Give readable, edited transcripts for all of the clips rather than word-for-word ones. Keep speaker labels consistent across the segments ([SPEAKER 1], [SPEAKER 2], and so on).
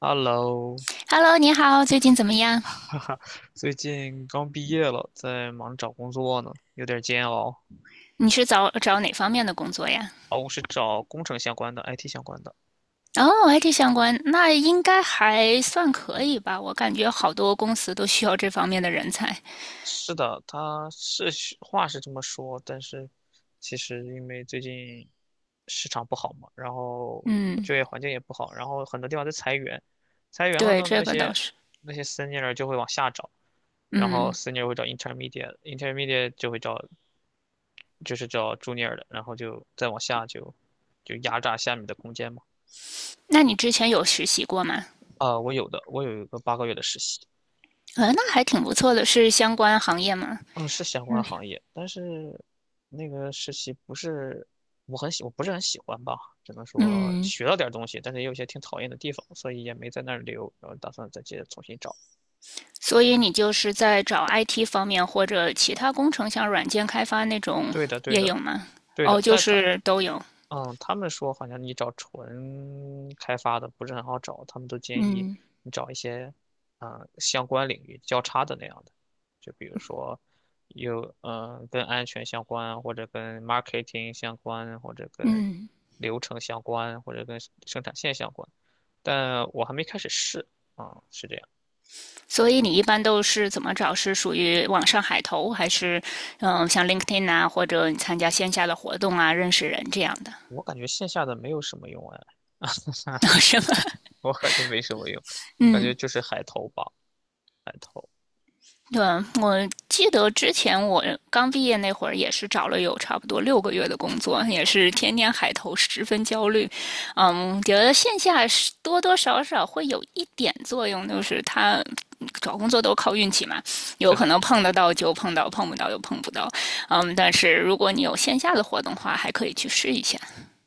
[SPEAKER 1] Hello，
[SPEAKER 2] Hello，你好，最近怎么 样？
[SPEAKER 1] 哈哈，最近刚毕业了，在忙着找工作呢，有点煎熬。
[SPEAKER 2] 你是找找哪方面的工作呀？
[SPEAKER 1] 哦，我是找工程相关的，IT 相关的。
[SPEAKER 2] 哦，IT 相关，那应该还算可以吧？我感觉好多公司都需要这方面的人才。
[SPEAKER 1] 是的，他是话是这么说，但是其实因为最近市场不好嘛，然后
[SPEAKER 2] 嗯，
[SPEAKER 1] 就业环境也不好，然后很多地方在裁员，裁员了
[SPEAKER 2] 对，
[SPEAKER 1] 呢，
[SPEAKER 2] 这
[SPEAKER 1] 那
[SPEAKER 2] 个倒
[SPEAKER 1] 些
[SPEAKER 2] 是。
[SPEAKER 1] 那些 senior 就会往下找，然后
[SPEAKER 2] 嗯，
[SPEAKER 1] senior 会找 intermediate，intermediate 就会找就是叫朱尼尔的，然后就再往下就压榨下面的空间嘛。
[SPEAKER 2] 那你之前有实习过吗？
[SPEAKER 1] 啊，我有的，我有一个8个月的实习，
[SPEAKER 2] 那还挺不错的，是相关行业吗？
[SPEAKER 1] 嗯，是相关
[SPEAKER 2] 嗯
[SPEAKER 1] 行业，但是那个实习不是我不是很喜欢吧，只能说
[SPEAKER 2] 嗯，
[SPEAKER 1] 学到点儿东西，但是也有一些挺讨厌的地方，所以也没在那儿留，然后打算再接着重新找。
[SPEAKER 2] 所以你就是在找 IT 方面或者其他工程，像软件开发那种
[SPEAKER 1] 对的，对
[SPEAKER 2] 也
[SPEAKER 1] 的，
[SPEAKER 2] 有吗？
[SPEAKER 1] 对
[SPEAKER 2] 哦，
[SPEAKER 1] 的，
[SPEAKER 2] 就
[SPEAKER 1] 但
[SPEAKER 2] 是都有。
[SPEAKER 1] 他们说好像你找纯开发的不是很好找，他们都建议
[SPEAKER 2] 嗯
[SPEAKER 1] 你找一些，嗯、相关领域交叉的那样的，就比如说有跟安全相关，或者跟 marketing 相关，或者跟
[SPEAKER 2] 嗯。
[SPEAKER 1] 流程相关，或者跟生产线相关。但我还没开始试是这样。
[SPEAKER 2] 所以你一般都是怎么找？是属于网上海投，还是像 LinkedIn 啊，或者你参加线下的活动啊，认识人这样的，
[SPEAKER 1] 我感觉线下的没有什么用哎，
[SPEAKER 2] 是吧？
[SPEAKER 1] 我感觉没什么用，感
[SPEAKER 2] 嗯。
[SPEAKER 1] 觉就是海投吧，海投。
[SPEAKER 2] 对，我记得之前我刚毕业那会儿，也是找了有差不多6个月的工作，也是天天海投，十分焦虑。嗯，觉得线下是多多少少会有一点作用，就是他找工作都靠运气嘛，有
[SPEAKER 1] 是
[SPEAKER 2] 可
[SPEAKER 1] 的。
[SPEAKER 2] 能碰得到就碰到，碰不到又碰不到。嗯，但是如果你有线下的活动的话，还可以去试一下。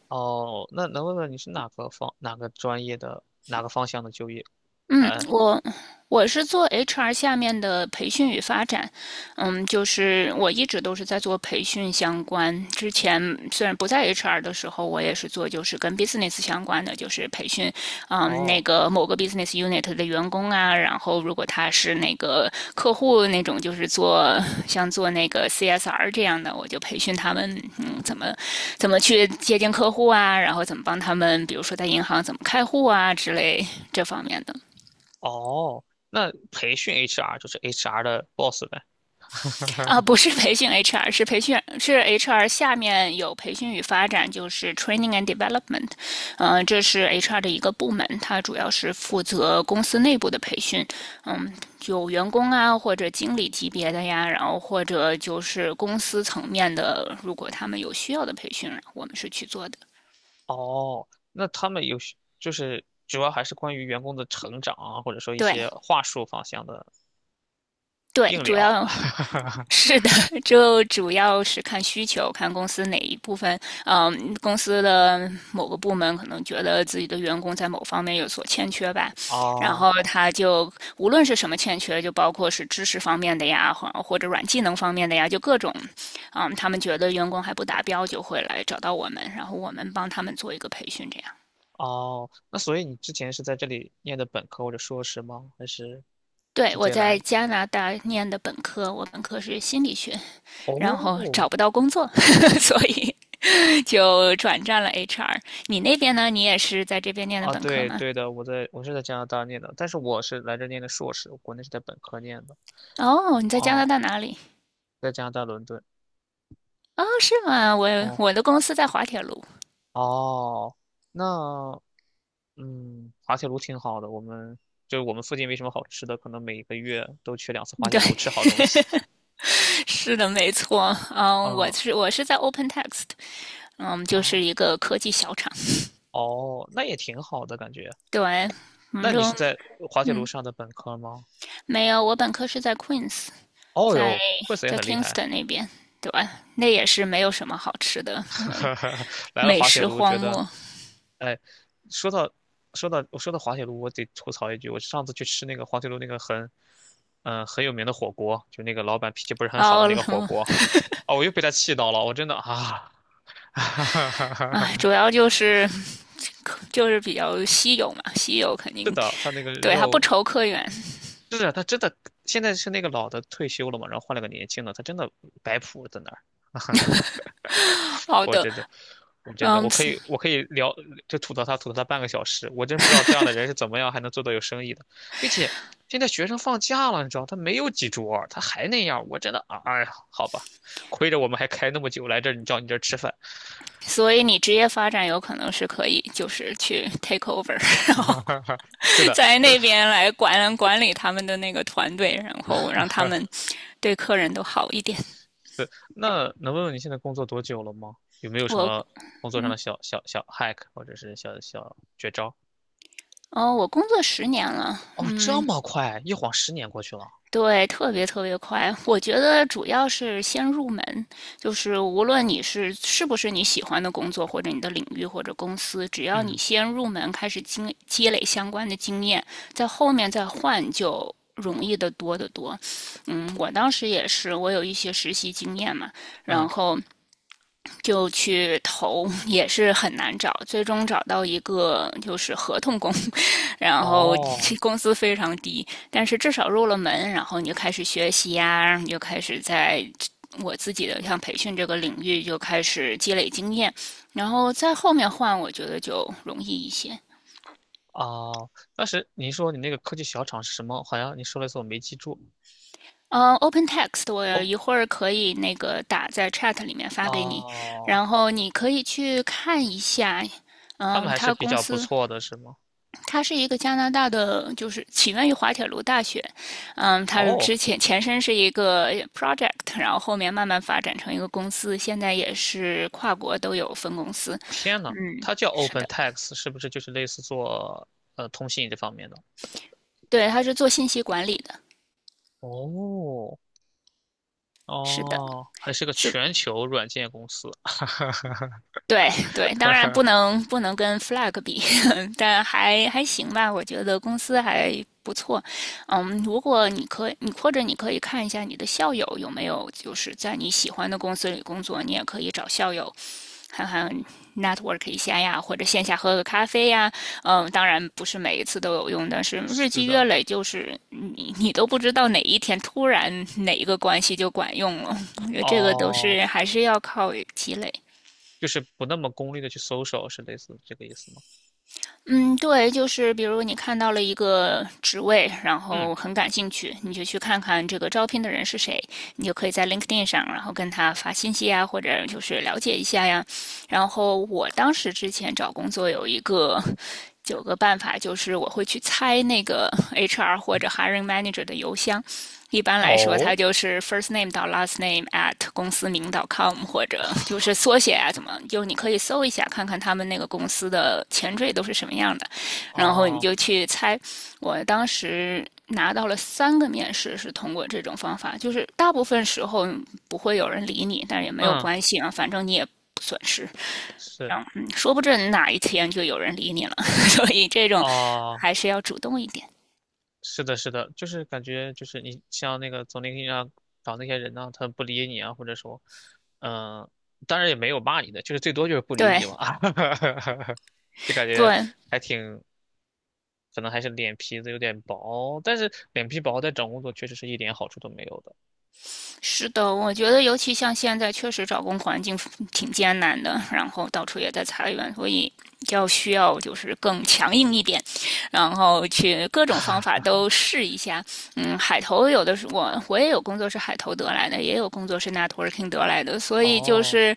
[SPEAKER 1] 哦，那能问问你是哪个专业的哪个方向的就业？
[SPEAKER 2] 嗯，
[SPEAKER 1] 哎，
[SPEAKER 2] 我是做 HR 下面的培训与发展，嗯，就是我一直都是在做培训相关。之前虽然不在 HR 的时候，我也是做就是跟 business 相关的，就是培训，嗯，那
[SPEAKER 1] 哦
[SPEAKER 2] 个某个 business unit 的员工啊，然后如果他是那个客户那种，就是做像做那个 CSR 这样的，我就培训他们，嗯，怎么去接近客户啊，然后怎么帮他们，比如说在银行怎么开户啊之类这方面的。
[SPEAKER 1] 哦，那培训 HR 就是 HR 的 boss 呗。
[SPEAKER 2] 啊，不是培训 HR，是培训是 HR 下面有培训与发展，就是 Training and Development，这是 HR 的一个部门，它主要是负责公司内部的培训，嗯，有员工啊或者经理级别的呀，然后或者就是公司层面的，如果他们有需要的培训，我们是去做的。
[SPEAKER 1] 哦，那他们就是主要还是关于员工的成长啊，或者说一
[SPEAKER 2] 对，
[SPEAKER 1] 些话术方向的
[SPEAKER 2] 对，
[SPEAKER 1] 硬
[SPEAKER 2] 主
[SPEAKER 1] 聊。
[SPEAKER 2] 要 是的，就主要是看需求，看公司哪一部分，嗯，公司的某个部门可能觉得自己的员工在某方面有所欠缺吧，然
[SPEAKER 1] 哦
[SPEAKER 2] 后他就无论是什么欠缺，就包括是知识方面的呀，或者软技能方面的呀，就各种，嗯，他们觉得员工还不达标，就会来找到我们，然后我们帮他们做一个培训，这样。
[SPEAKER 1] 哦，那所以你之前是在这里念的本科或者硕士吗？还是
[SPEAKER 2] 对，
[SPEAKER 1] 直
[SPEAKER 2] 我
[SPEAKER 1] 接来
[SPEAKER 2] 在
[SPEAKER 1] 的
[SPEAKER 2] 加拿大念的本科，我本科是心理学，然后
[SPEAKER 1] 哦
[SPEAKER 2] 找不到工作，所以就转战了 HR。你那边呢？你也是在这边念的
[SPEAKER 1] 啊，
[SPEAKER 2] 本科
[SPEAKER 1] 对
[SPEAKER 2] 吗？
[SPEAKER 1] 对的，我是在加拿大念的，但是我是来这念的硕士，我国内是在本科念的。
[SPEAKER 2] 哦，你在加拿
[SPEAKER 1] 哦，
[SPEAKER 2] 大哪里？
[SPEAKER 1] 在加拿大伦敦。
[SPEAKER 2] 哦，是吗？我
[SPEAKER 1] 哦
[SPEAKER 2] 我的公司在滑铁卢。
[SPEAKER 1] 哦，那滑铁卢挺好的，我们就是我们附近没什么好吃的，可能每个月都去2次滑
[SPEAKER 2] 对，
[SPEAKER 1] 铁卢吃好东西。
[SPEAKER 2] 是的，没错。嗯，我
[SPEAKER 1] 啊
[SPEAKER 2] 是我是在 OpenText，嗯，就
[SPEAKER 1] 啊
[SPEAKER 2] 是一个科技小厂。
[SPEAKER 1] 哦，那也挺好的感觉。
[SPEAKER 2] 对，我们
[SPEAKER 1] 那你
[SPEAKER 2] 中
[SPEAKER 1] 是在滑铁卢
[SPEAKER 2] 嗯
[SPEAKER 1] 上的本科吗？
[SPEAKER 2] 没有，我本科是在 Queens，
[SPEAKER 1] 哦
[SPEAKER 2] 在
[SPEAKER 1] 哟，惠子也
[SPEAKER 2] 在
[SPEAKER 1] 很厉害，
[SPEAKER 2] Kingston 那边。对，吧？那也是没有什么好吃的，
[SPEAKER 1] 来了
[SPEAKER 2] 美
[SPEAKER 1] 滑铁
[SPEAKER 2] 食
[SPEAKER 1] 卢
[SPEAKER 2] 荒
[SPEAKER 1] 觉得
[SPEAKER 2] 漠。
[SPEAKER 1] 哎，说到说到我说到滑铁卢，我得吐槽一句，我上次去吃那个滑铁卢那个很，很有名的火锅，就那个老板脾气不是很
[SPEAKER 2] 然
[SPEAKER 1] 好的那个火
[SPEAKER 2] 后，
[SPEAKER 1] 锅，哦，我又被他气到了，我真的啊，哈哈哈，
[SPEAKER 2] 哎，主要就是比较稀有嘛，稀有肯
[SPEAKER 1] 是
[SPEAKER 2] 定
[SPEAKER 1] 的，他那个
[SPEAKER 2] 对他不
[SPEAKER 1] 肉，
[SPEAKER 2] 愁客源。
[SPEAKER 1] 是的，他真的现在是那个老的退休了嘛，然后换了个年轻的，他真的摆谱在那儿，
[SPEAKER 2] 好
[SPEAKER 1] 我
[SPEAKER 2] 的，
[SPEAKER 1] 真的，我真的，我
[SPEAKER 2] 嗯，
[SPEAKER 1] 可以，我可以聊，就吐槽他，吐槽他半个小时。我真不知道这样的人是怎么样还能做到有生意的，并且现在学生放假了，你知道，他没有几桌他还那样，我真的，啊哎呀，好吧，亏着我们还开那么久来这儿，你叫你这儿吃饭。
[SPEAKER 2] 所以你职业发展有可能是可以，就是去 take over，然后
[SPEAKER 1] 对的，
[SPEAKER 2] 在
[SPEAKER 1] 对，
[SPEAKER 2] 那边来管理他们的那个团队，然后让他 们对客人都好一点。
[SPEAKER 1] 对。那能问问你现在工作多久了吗？有没有什
[SPEAKER 2] 我
[SPEAKER 1] 么工作上的小小小 hack 或者是小小绝招？
[SPEAKER 2] 哦，我工作10年了，
[SPEAKER 1] 哦，这
[SPEAKER 2] 嗯，
[SPEAKER 1] 么快，一晃10年过去了。
[SPEAKER 2] 对，特别特别快。我觉得主要是先入门，就是无论你是不是你喜欢的工作，或者你的领域或者公司，只要你
[SPEAKER 1] 嗯
[SPEAKER 2] 先入门，开始积累相关的经验，在后面再换就容易的多得多。嗯，我当时也是，我有一些实习经验嘛，
[SPEAKER 1] 嗯，
[SPEAKER 2] 然后就去投，也是很难找，最终找到一个就是合同工，然后
[SPEAKER 1] 哦，
[SPEAKER 2] 工资非常低，但是至少入了门，然后你就开始学习呀、啊，你就开始在我自己的像培训这个领域就开始积累经验，然后在后面换，我觉得就容易一些。
[SPEAKER 1] 哦，当时您说你那个科技小厂是什么？好像你说了一次，我没记住。
[SPEAKER 2] OpenText 我
[SPEAKER 1] 哦，
[SPEAKER 2] 一会儿可以那个打在 Chat 里面发给你，
[SPEAKER 1] 哦，
[SPEAKER 2] 然后你可以去看一下。
[SPEAKER 1] 他们
[SPEAKER 2] 嗯，
[SPEAKER 1] 还是
[SPEAKER 2] 他
[SPEAKER 1] 比
[SPEAKER 2] 公
[SPEAKER 1] 较不
[SPEAKER 2] 司
[SPEAKER 1] 错的，是吗？
[SPEAKER 2] 它是一个加拿大的，就是起源于滑铁卢大学，嗯，它是
[SPEAKER 1] 哦，
[SPEAKER 2] 前身是一个 project，然后后面慢慢发展成一个公司，现在也是跨国都有分公司。
[SPEAKER 1] 天呐，
[SPEAKER 2] 嗯，
[SPEAKER 1] 它叫
[SPEAKER 2] 是的，
[SPEAKER 1] OpenText,是不是就是类似做通信这方面的？
[SPEAKER 2] 对，它是做信息管理的，
[SPEAKER 1] 哦，
[SPEAKER 2] 是的，
[SPEAKER 1] 哦，还是个
[SPEAKER 2] 是。
[SPEAKER 1] 全球软件公司。
[SPEAKER 2] 对对，当然不能跟 Flag 比，但还行吧，我觉得公司还不错。嗯，如果你可以，你或者你可以看一下你的校友有没有就是在你喜欢的公司里工作，你也可以找校友看看 network 一下呀，或者线下喝个咖啡呀。嗯，当然不是每一次都有用，但是日
[SPEAKER 1] 是
[SPEAKER 2] 积月
[SPEAKER 1] 的，
[SPEAKER 2] 累，就是你都不知道哪一天突然哪一个关系就管用了。我觉得这个都
[SPEAKER 1] 哦，
[SPEAKER 2] 是还是要靠积累。
[SPEAKER 1] 就是不那么功利的去搜索，是类似这个意思吗？
[SPEAKER 2] 嗯，对，就是比如你看到了一个职位，然
[SPEAKER 1] 嗯，
[SPEAKER 2] 后很感兴趣，你就去看看这个招聘的人是谁，你就可以在 LinkedIn 上，然后跟他发信息呀，或者就是了解一下呀。然后我当时之前找工作有九个办法，就是我会去猜那个 HR 或者 hiring manager 的邮箱。一般来说，
[SPEAKER 1] 哦，
[SPEAKER 2] 它就是 first name 到 last name at 公司名 .com，或者就是缩写啊，怎么就你可以搜一下，看看他们那个公司的前缀都是什么样的，然后你
[SPEAKER 1] 哦，
[SPEAKER 2] 就去猜。我当时拿到了三个面试是通过这种方法，就是大部分时候不会有人理你，但也没有
[SPEAKER 1] 嗯，
[SPEAKER 2] 关系啊，反正你也不损失。
[SPEAKER 1] 是，
[SPEAKER 2] 嗯，说不准哪一天就有人理你了，所以这种
[SPEAKER 1] 哦。
[SPEAKER 2] 还是要主动一点。
[SPEAKER 1] 是的，是的，就是感觉就是你像那个总 LIN 上找那些人呢、他不理你啊，或者说，嗯、当然也没有骂你的，就是最多就是不理
[SPEAKER 2] 对
[SPEAKER 1] 你嘛，就感觉
[SPEAKER 2] 对，
[SPEAKER 1] 还挺，可能还是脸皮子有点薄，但是脸皮薄在找工作确实是一点好处都没有的。
[SPEAKER 2] 是的，我觉得尤其像现在，确实找工环境挺艰难的，然后到处也在裁员，所以需要就是更强硬一点，然后去各种方法都试一下。嗯，海投有的是我也有工作是海投得来的，也有工作是 networking 得来的，所以就
[SPEAKER 1] 哦，
[SPEAKER 2] 是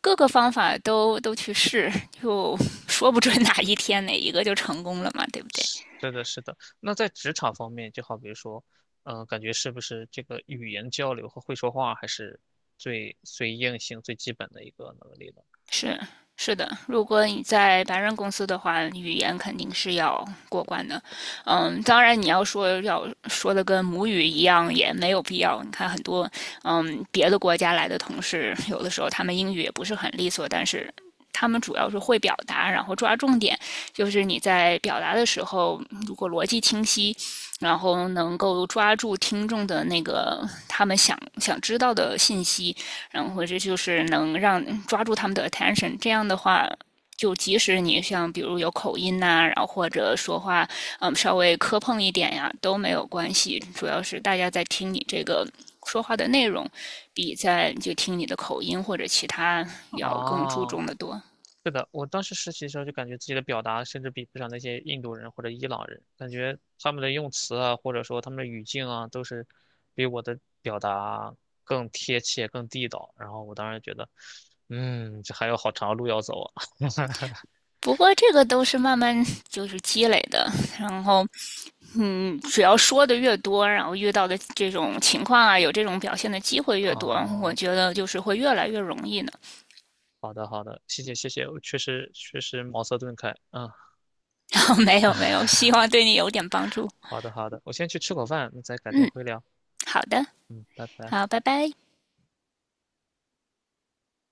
[SPEAKER 2] 各个方法都去试，就说不准哪一天哪一个就成功了嘛，对不对？
[SPEAKER 1] 是的，是的。那在职场方面，就好比如说，感觉是不是这个语言交流和会说话还是最最硬性、最基本的一个能力呢？
[SPEAKER 2] 是是的，如果你在白人公司的话，语言肯定是要过关的。嗯，当然你要说的跟母语一样也没有必要。你看很多别的国家来的同事，有的时候他们英语也不是很利索，但是他们主要是会表达，然后抓重点。就是你在表达的时候，如果逻辑清晰，然后能够抓住听众的那个他们想知道的信息，然后这就是能让抓住他们的 attention。这样的话，就即使你像比如有口音呐、啊然后或者说话稍微磕碰一点呀，都没有关系。主要是大家在听你这个说话的内容，比在就听你的口音或者其他要更注
[SPEAKER 1] 哦，
[SPEAKER 2] 重的多。
[SPEAKER 1] 是的，我当时实习的时候就感觉自己的表达甚至比不上那些印度人或者伊朗人，感觉他们的用词啊，或者说他们的语境啊，都是比我的表达更贴切、更地道。然后我当时觉得，嗯，这还有好长的路要走啊。
[SPEAKER 2] 不过这个都是慢慢就是积累的，然后。嗯，只要说的越多，然后遇到的这种情况啊，有这种表现的机会越多，我
[SPEAKER 1] 哦，
[SPEAKER 2] 觉得就是会越来越容易的。
[SPEAKER 1] 好的好的，谢谢谢谢，我确实确实茅塞顿开。嗯，
[SPEAKER 2] 哦没有没有，希望对你有点帮助。
[SPEAKER 1] 好的好的，我先去吃口饭，再改天
[SPEAKER 2] 嗯，
[SPEAKER 1] 会聊。
[SPEAKER 2] 好的，
[SPEAKER 1] 嗯，拜拜。
[SPEAKER 2] 好，拜拜。